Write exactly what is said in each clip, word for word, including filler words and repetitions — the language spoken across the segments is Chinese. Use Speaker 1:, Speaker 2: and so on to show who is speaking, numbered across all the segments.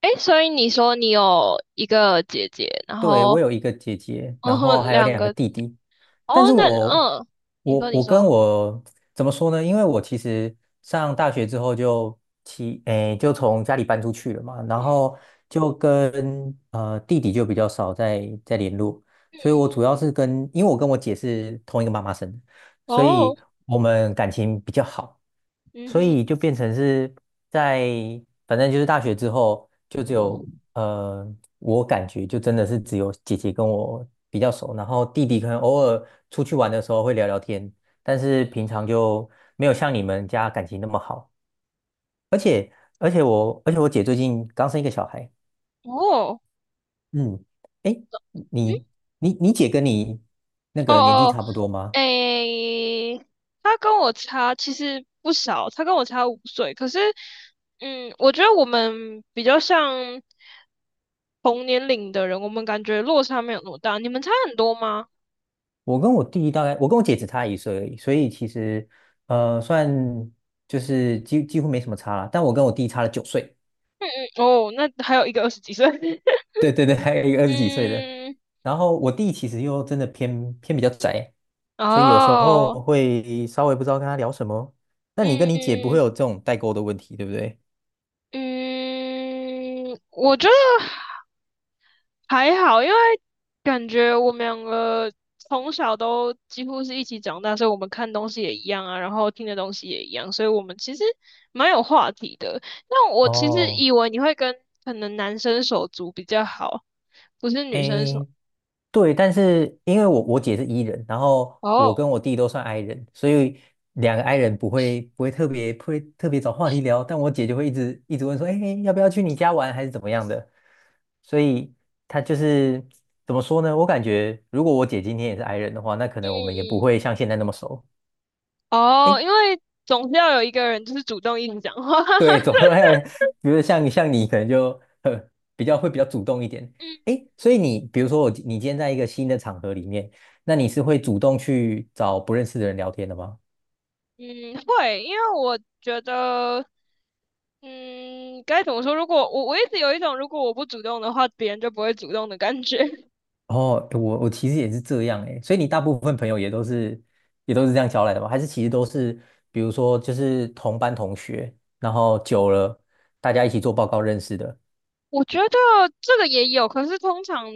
Speaker 1: 诶，所以你说你有一个姐姐，然
Speaker 2: 对，我
Speaker 1: 后
Speaker 2: 有一个姐姐，
Speaker 1: 嗯
Speaker 2: 然后
Speaker 1: 哼，
Speaker 2: 还有
Speaker 1: 两
Speaker 2: 两
Speaker 1: 个。
Speaker 2: 个弟弟，但
Speaker 1: 哦，
Speaker 2: 是
Speaker 1: 那
Speaker 2: 我
Speaker 1: 嗯，你
Speaker 2: 我
Speaker 1: 说你
Speaker 2: 我跟
Speaker 1: 说，
Speaker 2: 我怎么说呢？因为我其实上大学之后就其诶就从家里搬出去了嘛，然后
Speaker 1: 嗯。
Speaker 2: 就跟呃弟弟就比较少在在联络，
Speaker 1: 嗯
Speaker 2: 所以我主要是跟因为我跟我姐是同一个妈妈生的，所
Speaker 1: 哦，
Speaker 2: 以我们感情比较好，
Speaker 1: 嗯
Speaker 2: 所
Speaker 1: 哼，
Speaker 2: 以就变成是在反正就是大学之后就只有。呃，我感觉就真的是只有姐姐跟我比较熟，然后弟弟可能偶尔出去玩的时候会聊聊天，但是
Speaker 1: 嗯。
Speaker 2: 平常就没有像你们家感情那么好。而且，而且我，而且我姐最近刚生一个小孩。
Speaker 1: 哦，
Speaker 2: 嗯，哎，
Speaker 1: 嗯。
Speaker 2: 你你你姐跟你那
Speaker 1: 哦
Speaker 2: 个年纪
Speaker 1: 哦，
Speaker 2: 差不多吗？
Speaker 1: 诶，他跟我差其实不少，他跟我差五岁，可是嗯，我觉得我们比较像同年龄的人，我们感觉落差没有那么大。你们差很多吗？
Speaker 2: 我跟我弟大概，我跟我姐只差一岁而已，所以其实呃，算就是几几乎没什么差啦，但我跟我弟差了九岁。
Speaker 1: 哦，那还有一个二十几岁。
Speaker 2: 对对对，还有一个二十几岁的。
Speaker 1: 嗯，
Speaker 2: 然后我弟其实又真的偏偏比较宅，所以有时候
Speaker 1: 哦，
Speaker 2: 会稍微不知道跟他聊什么。那你跟你姐不会有
Speaker 1: 嗯。
Speaker 2: 这种代沟的问题，对不对？
Speaker 1: 嗯，我觉得还好，因为感觉我们两个从小都几乎是一起长大，所以我们看东西也一样啊，然后听的东西也一样，所以我们其实蛮有话题的。那我其实
Speaker 2: 哦，
Speaker 1: 以为你会跟可能男生手足比较好，不是女生手。
Speaker 2: 诶，对，但是因为我我姐是 E 人，然后我
Speaker 1: 哦。
Speaker 2: 跟我弟都算 I 人，所以两个 I 人不会不会特别不会特别找话题聊，但我姐就会一直一直问说，哎，要不要去你家玩，还是怎么样的？所以她就是怎么说呢？我感觉如果我姐今天也是 I 人的话，那可能我
Speaker 1: 嗯
Speaker 2: 们也不会像现在那么熟。
Speaker 1: 嗯，嗯。哦，因为总是要有一个人就是主动一直讲话。
Speaker 2: 对，走 路来有，比如像像你可能就呃比较会比较主动一点。
Speaker 1: 嗯
Speaker 2: 诶，所以你比如说我你今天在一个新的场合里面，那你是会主动去找不认识的人聊天的吗？
Speaker 1: 嗯，会，因为我觉得，嗯，该怎么说？如果我我一直有一种，如果我不主动的话，别人就不会主动的感觉。
Speaker 2: 哦，我我其实也是这样诶，所以你大部分朋友也都是也都是这样交来的吗？还是其实都是比如说就是同班同学，然后久了大家一起做报告认识的？
Speaker 1: 我觉得这个也有，可是通常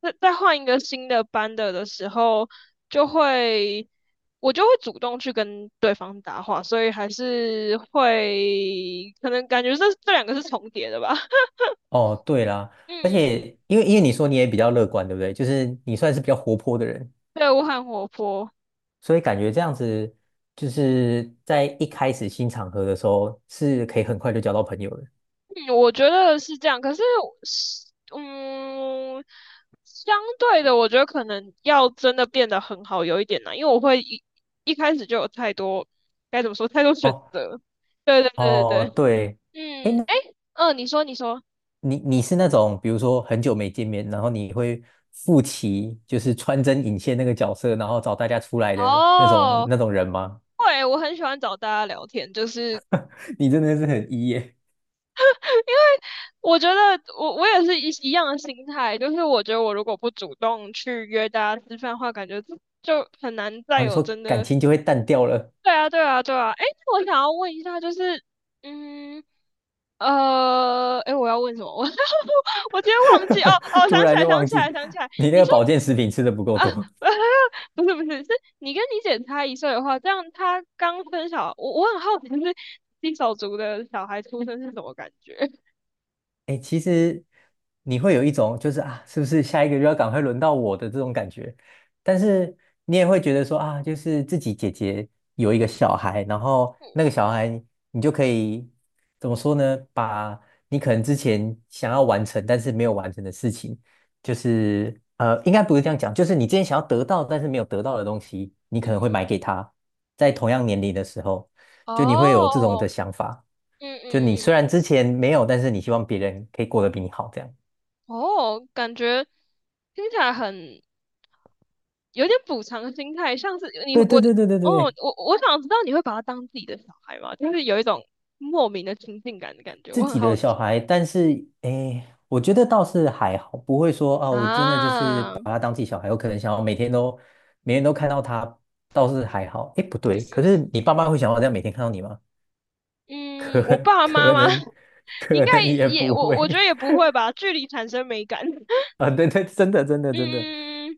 Speaker 1: 在在换一个新的班的的时候，就会我就会主动去跟对方搭话，所以还是会可能感觉这这两个是重叠的吧。
Speaker 2: 哦，对啦，而
Speaker 1: 嗯，
Speaker 2: 且因为因为你说你也比较乐观，对不对？就是你算是比较活泼的人。
Speaker 1: 对，我很活泼。
Speaker 2: 所以感觉这样子就是在一开始新场合的时候是可以很快就交到朋友的。
Speaker 1: 嗯，我觉得是这样，可是是，嗯，相对的，我觉得可能要真的变得很好有一点难，因为我会一一开始就有太多，该怎么说，太多选
Speaker 2: 哦
Speaker 1: 择。对对对对
Speaker 2: 哦，
Speaker 1: 对，
Speaker 2: 对，哎，
Speaker 1: 嗯，
Speaker 2: 那
Speaker 1: 哎，嗯，你说你说，
Speaker 2: 你你是那种比如说很久没见面，然后你会负起就是穿针引线那个角色，然后找大家出来的那种
Speaker 1: 哦，
Speaker 2: 那种人吗？
Speaker 1: 对，我很喜欢找大家聊天，就是
Speaker 2: 你真的是很 E 耶。
Speaker 1: 我觉得我我也是一一样的心态，就是我觉得我如果不主动去约大家吃饭的话，感觉就很难再
Speaker 2: 哦，你
Speaker 1: 有
Speaker 2: 说
Speaker 1: 真
Speaker 2: 感
Speaker 1: 的。
Speaker 2: 情就会淡掉了。
Speaker 1: 对啊，对啊，对啊。哎，那我想要问一下，就是，嗯，呃，哎，我要问什么？我我今天忘记哦。哦，
Speaker 2: 突
Speaker 1: 想起
Speaker 2: 然
Speaker 1: 来，
Speaker 2: 就
Speaker 1: 想
Speaker 2: 忘
Speaker 1: 起来，
Speaker 2: 记
Speaker 1: 想起来。
Speaker 2: 你那
Speaker 1: 你
Speaker 2: 个
Speaker 1: 说
Speaker 2: 保健食品吃的不够
Speaker 1: 啊，
Speaker 2: 多。
Speaker 1: 不是不是，是你跟你姐差一岁的话，这样她刚生小，我我很好奇，就是新手足的小孩出生是什么感觉？
Speaker 2: 哎，其实你会有一种就是啊，是不是下一个就要赶快轮到我的这种感觉？但是你也会觉得说啊，就是自己姐姐有一个小孩，然后那个小孩你就可以怎么说呢？把你可能之前想要完成但是没有完成的事情，就是呃，应该不是这样讲，就是你之前想要得到但是没有得到的东西，你可能会买给他，在同样年龄的时候，就你会有这种
Speaker 1: 哦，
Speaker 2: 的想法。
Speaker 1: 嗯
Speaker 2: 就
Speaker 1: 嗯，
Speaker 2: 你
Speaker 1: 嗯。
Speaker 2: 虽然之前没有，但是你希望别人可以过得比你好，这样。
Speaker 1: 哦，感觉听起来很有点补偿心态，像是你
Speaker 2: 对
Speaker 1: 我。
Speaker 2: 对对对对对
Speaker 1: 哦，
Speaker 2: 对
Speaker 1: 我我想知道你会把他当自己的小孩吗？就是有一种莫名的亲近感的感觉，我
Speaker 2: 自
Speaker 1: 很
Speaker 2: 己
Speaker 1: 好
Speaker 2: 的小
Speaker 1: 奇
Speaker 2: 孩，但是诶，我觉得倒是还好，不会说啊，我真的就是
Speaker 1: 啊。
Speaker 2: 把他当自己小孩，我可能想要每天都每天都看到他，倒是还好。诶，不对，可是你爸妈会想要这样每天看到你吗？
Speaker 1: 嗯，
Speaker 2: 可
Speaker 1: 我爸妈
Speaker 2: 可
Speaker 1: 妈
Speaker 2: 能
Speaker 1: 应
Speaker 2: 可
Speaker 1: 该
Speaker 2: 能也
Speaker 1: 也
Speaker 2: 不
Speaker 1: 我我觉得
Speaker 2: 会。
Speaker 1: 也不会吧，距离产生美感。
Speaker 2: 啊，对对，真的真的真的。
Speaker 1: 嗯。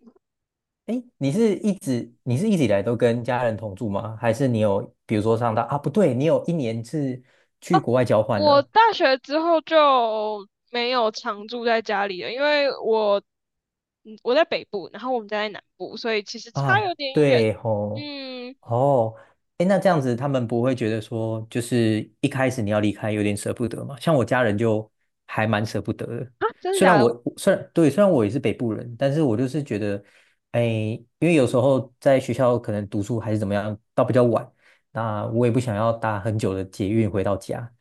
Speaker 2: 哎，你是一直你是一直以来都跟家人同住吗？还是你有比如说上到啊？不对，你有一年是去
Speaker 1: 哦，
Speaker 2: 国外交换
Speaker 1: 我
Speaker 2: 了，
Speaker 1: 大学之后就没有常住在家里了，因为我嗯我在北部，然后我们家在南部，所以其实差
Speaker 2: 啊，
Speaker 1: 有点远。
Speaker 2: 对吼。
Speaker 1: 嗯。
Speaker 2: 哦，哎，那这样子他们不会觉得说，就是一开始你要离开有点舍不得嘛？像我家人就还蛮舍不得的，
Speaker 1: 啊，真的
Speaker 2: 虽然
Speaker 1: 假的？
Speaker 2: 我虽然对，虽然我也是北部人，但是我就是觉得，哎，因为有时候在学校可能读书还是怎么样，到比较晚，那我也不想要搭很久的捷运回到家，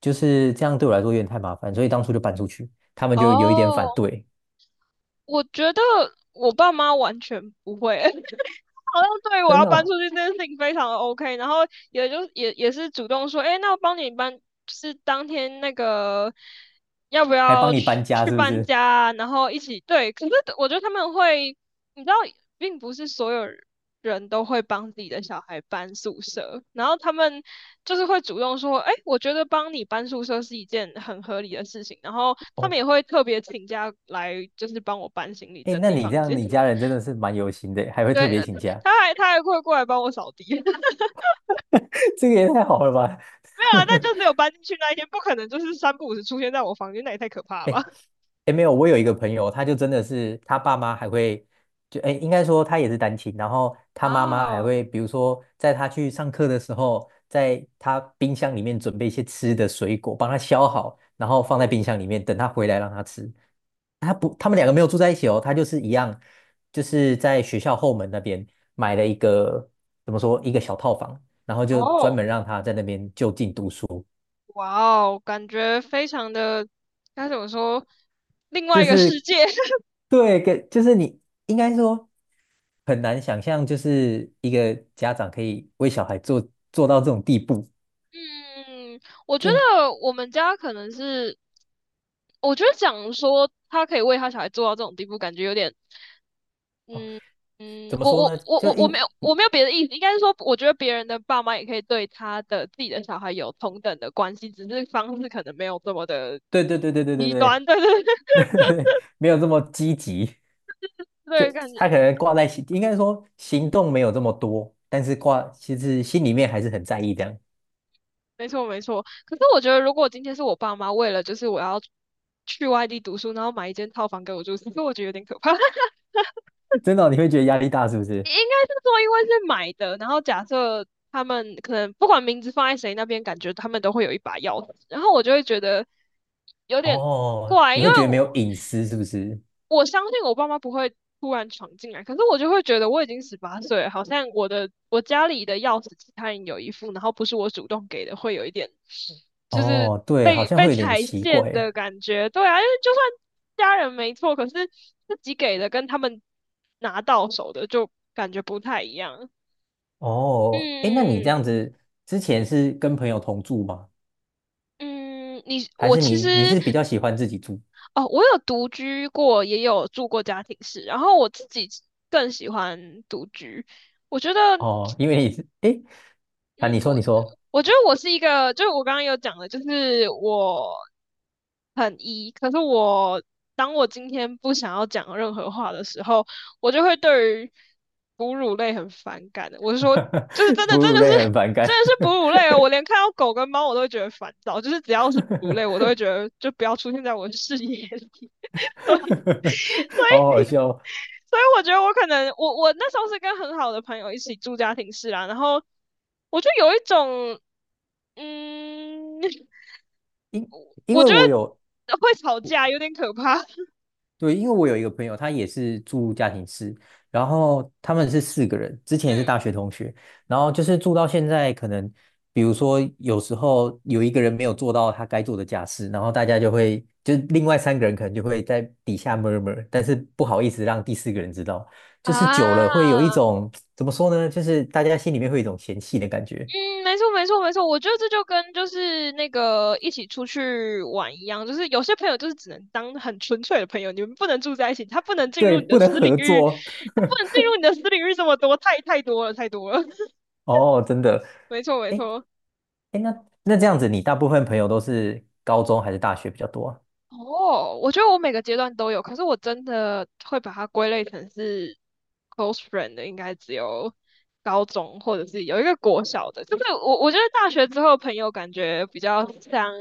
Speaker 2: 就是这样对我来说有点太麻烦，所以当初就搬出去，他们就有一点反
Speaker 1: 哦，
Speaker 2: 对。
Speaker 1: 我觉得我爸妈完全不会。因为好像对 我
Speaker 2: 真
Speaker 1: 要
Speaker 2: 的
Speaker 1: 搬出
Speaker 2: 哦。
Speaker 1: 去这件事情非常的 OK，然后也就也也是主动说，哎，欸那我帮你搬，就是当天那个要不
Speaker 2: 还帮
Speaker 1: 要
Speaker 2: 你
Speaker 1: 去
Speaker 2: 搬家
Speaker 1: 去
Speaker 2: 是不
Speaker 1: 搬
Speaker 2: 是？
Speaker 1: 家啊，然后一起对。可是我觉得他们会，你知道，并不是所有人都会帮自己的小孩搬宿舍，然后他们就是会主动说，哎，欸我觉得帮你搬宿舍是一件很合理的事情，然后他们也
Speaker 2: 哦。
Speaker 1: 会特别请假来，就是帮我搬行李、
Speaker 2: 哎，
Speaker 1: 整
Speaker 2: 那
Speaker 1: 理
Speaker 2: 你这
Speaker 1: 房
Speaker 2: 样，
Speaker 1: 间。
Speaker 2: 你家 人真的是蛮有心的，还会
Speaker 1: 对，
Speaker 2: 特别
Speaker 1: 呃
Speaker 2: 请假。
Speaker 1: 他还他还会过来帮我扫地。
Speaker 2: 这个也太好了吧？
Speaker 1: 没有啊，但就 只有搬进去那一天，不可能就是三不五时出现在我房间，那也太可怕了吧？
Speaker 2: 哎 哎，没有，我有一个朋友，他就真的是他爸妈还会，就哎，应该说他也是单亲，然后他妈妈还
Speaker 1: 啊，
Speaker 2: 会，比如说在他去上课的时候，在他冰箱里面准备一些吃的水果，帮他削好，然后放在
Speaker 1: 哦。
Speaker 2: 冰箱里面，等他回来让他吃。他不，他们两个没有住在一起哦，他就是一样，就是在学校后门那边买了一个，怎么说，一个小套房，然后就专
Speaker 1: 哦，
Speaker 2: 门让他在那边就近读书。
Speaker 1: 哇哦，感觉非常的，该怎么说，另外
Speaker 2: 就
Speaker 1: 一个世
Speaker 2: 是
Speaker 1: 界。
Speaker 2: 对，跟就是你应该说很难想象，就是一个家长可以为小孩做做到这种地步。
Speaker 1: 嗯，我觉
Speaker 2: 就
Speaker 1: 得我们家可能是我觉得讲说他可以为他小孩做到这种地步，感觉有点，
Speaker 2: 哦，
Speaker 1: 嗯。嗯，
Speaker 2: 怎么
Speaker 1: 我
Speaker 2: 说
Speaker 1: 我
Speaker 2: 呢？
Speaker 1: 我
Speaker 2: 就
Speaker 1: 我我没
Speaker 2: 应
Speaker 1: 有我没有别的意思，应该是说，我觉得别人的爸妈也可以对他的自己的小孩有同等的关系，只是方式可能没有这么的
Speaker 2: 对对对对对对
Speaker 1: 极
Speaker 2: 对。
Speaker 1: 端，对对对。
Speaker 2: 对对没有这么积极，就
Speaker 1: 对感觉
Speaker 2: 他可能挂在心，应该说行动没有这么多，但是挂其实心里面还是很在意这样。
Speaker 1: 没错没错。可是我觉得，如果今天是我爸妈为了就是我要去外地读书，然后买一间套房给我住，其实我觉得有点可怕。
Speaker 2: 真的哦你会觉得压力大是不是？
Speaker 1: 应该是说，因为是买的，然后假设他们可能不管名字放在谁那边，感觉他们都会有一把钥匙，然后我就会觉得有点
Speaker 2: 哦，
Speaker 1: 怪，因
Speaker 2: 你会
Speaker 1: 为
Speaker 2: 觉得没
Speaker 1: 我
Speaker 2: 有隐私是不是？
Speaker 1: 我相信我爸妈不会突然闯进来，可是我就会觉得我已经十八岁了，好像我的我家里的钥匙其他人有一副，然后不是我主动给的，会有一点就是
Speaker 2: 哦，对，好
Speaker 1: 被
Speaker 2: 像
Speaker 1: 被
Speaker 2: 会有点
Speaker 1: 踩
Speaker 2: 奇
Speaker 1: 线
Speaker 2: 怪。
Speaker 1: 的感觉。对啊，因为就算家人没错，可是自己给的跟他们拿到手的就感觉不太一样。
Speaker 2: 哦，哎，那你这
Speaker 1: 嗯
Speaker 2: 样子之前是跟朋友同住吗？
Speaker 1: 嗯，你
Speaker 2: 还
Speaker 1: 我
Speaker 2: 是
Speaker 1: 其
Speaker 2: 你你
Speaker 1: 实
Speaker 2: 是比较喜欢自己住？
Speaker 1: 哦，我有独居过，也有住过家庭式，然后我自己更喜欢独居。我觉得
Speaker 2: 哦，因为你是哎，诶啊，
Speaker 1: 嗯，
Speaker 2: 你说
Speaker 1: 我
Speaker 2: 你说，
Speaker 1: 我觉得我是一个，就是我刚刚有讲的，就是我很 E，可是我当我今天不想要讲任何话的时候，我就会对于哺乳类很反感的。我是说，就是真
Speaker 2: 哺
Speaker 1: 的，真
Speaker 2: 乳
Speaker 1: 的
Speaker 2: 类
Speaker 1: 是
Speaker 2: 很反感。
Speaker 1: 真的是哺乳类哦，我连看到狗跟猫我都会觉得烦躁，就是只要是哺乳类，我都会觉得就不要出现在我的视野里。所以，所
Speaker 2: 好好
Speaker 1: 以
Speaker 2: 笑哦。
Speaker 1: 所以我觉得我可能我我那时候是跟很好的朋友一起住家庭式啦，然后我就有一种，嗯，
Speaker 2: 因
Speaker 1: 我
Speaker 2: 为
Speaker 1: 觉
Speaker 2: 我有
Speaker 1: 得会吵架有点可怕。
Speaker 2: 对，因为我有一个朋友，他也是住家庭式，然后他们是四个人，之前也是
Speaker 1: 嗯
Speaker 2: 大学同学，然后就是住到现在，可能比如说有时候有一个人没有做到他该做的家事，然后大家就会，就另外三个人可能就会在底下 m u 但是不好意思让第四个人知道，就是
Speaker 1: 啊，
Speaker 2: 久了会有一
Speaker 1: 嗯，
Speaker 2: 种，怎么说呢，就是大家心里面会有一种嫌弃的感觉，
Speaker 1: 没错没错没错，我觉得这就跟就是那个一起出去玩一样，就是有些朋友就是只能当很纯粹的朋友，你们不能住在一起，他不能进
Speaker 2: 对，
Speaker 1: 入你的
Speaker 2: 不能
Speaker 1: 私领
Speaker 2: 合
Speaker 1: 域，
Speaker 2: 作。
Speaker 1: 他不能进入你的私领域这么多，太太多了太多了。
Speaker 2: 哦，真的。
Speaker 1: 没错没
Speaker 2: 哎
Speaker 1: 错。
Speaker 2: 哎，那那这样子，你大部分朋友都是高中还是大学比较多啊？
Speaker 1: 哦，我觉得我每个阶段都有，可是我真的会把它归类成是 close friend 的，应该只有高中或者是有一个国小的，就是我我觉得大学之后朋友感觉比较像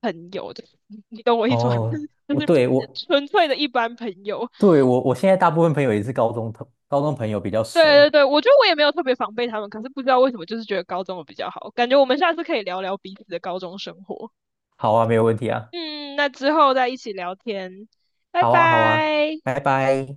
Speaker 1: 朋友的，你懂我意思吗？
Speaker 2: 哦，
Speaker 1: 就
Speaker 2: 我
Speaker 1: 是
Speaker 2: 对我
Speaker 1: 纯粹的一般朋友。
Speaker 2: 对我我现在大部分朋友也是高中同高中朋友比较
Speaker 1: 对
Speaker 2: 熟。
Speaker 1: 对对，我觉得我也没有特别防备他们，可是不知道为什么就是觉得高中的比较好，感觉我们下次可以聊聊彼此的高中生活。
Speaker 2: 好啊，没有问题啊。
Speaker 1: 嗯，那之后再一起聊天，拜
Speaker 2: 好啊，好啊，
Speaker 1: 拜。
Speaker 2: 拜拜。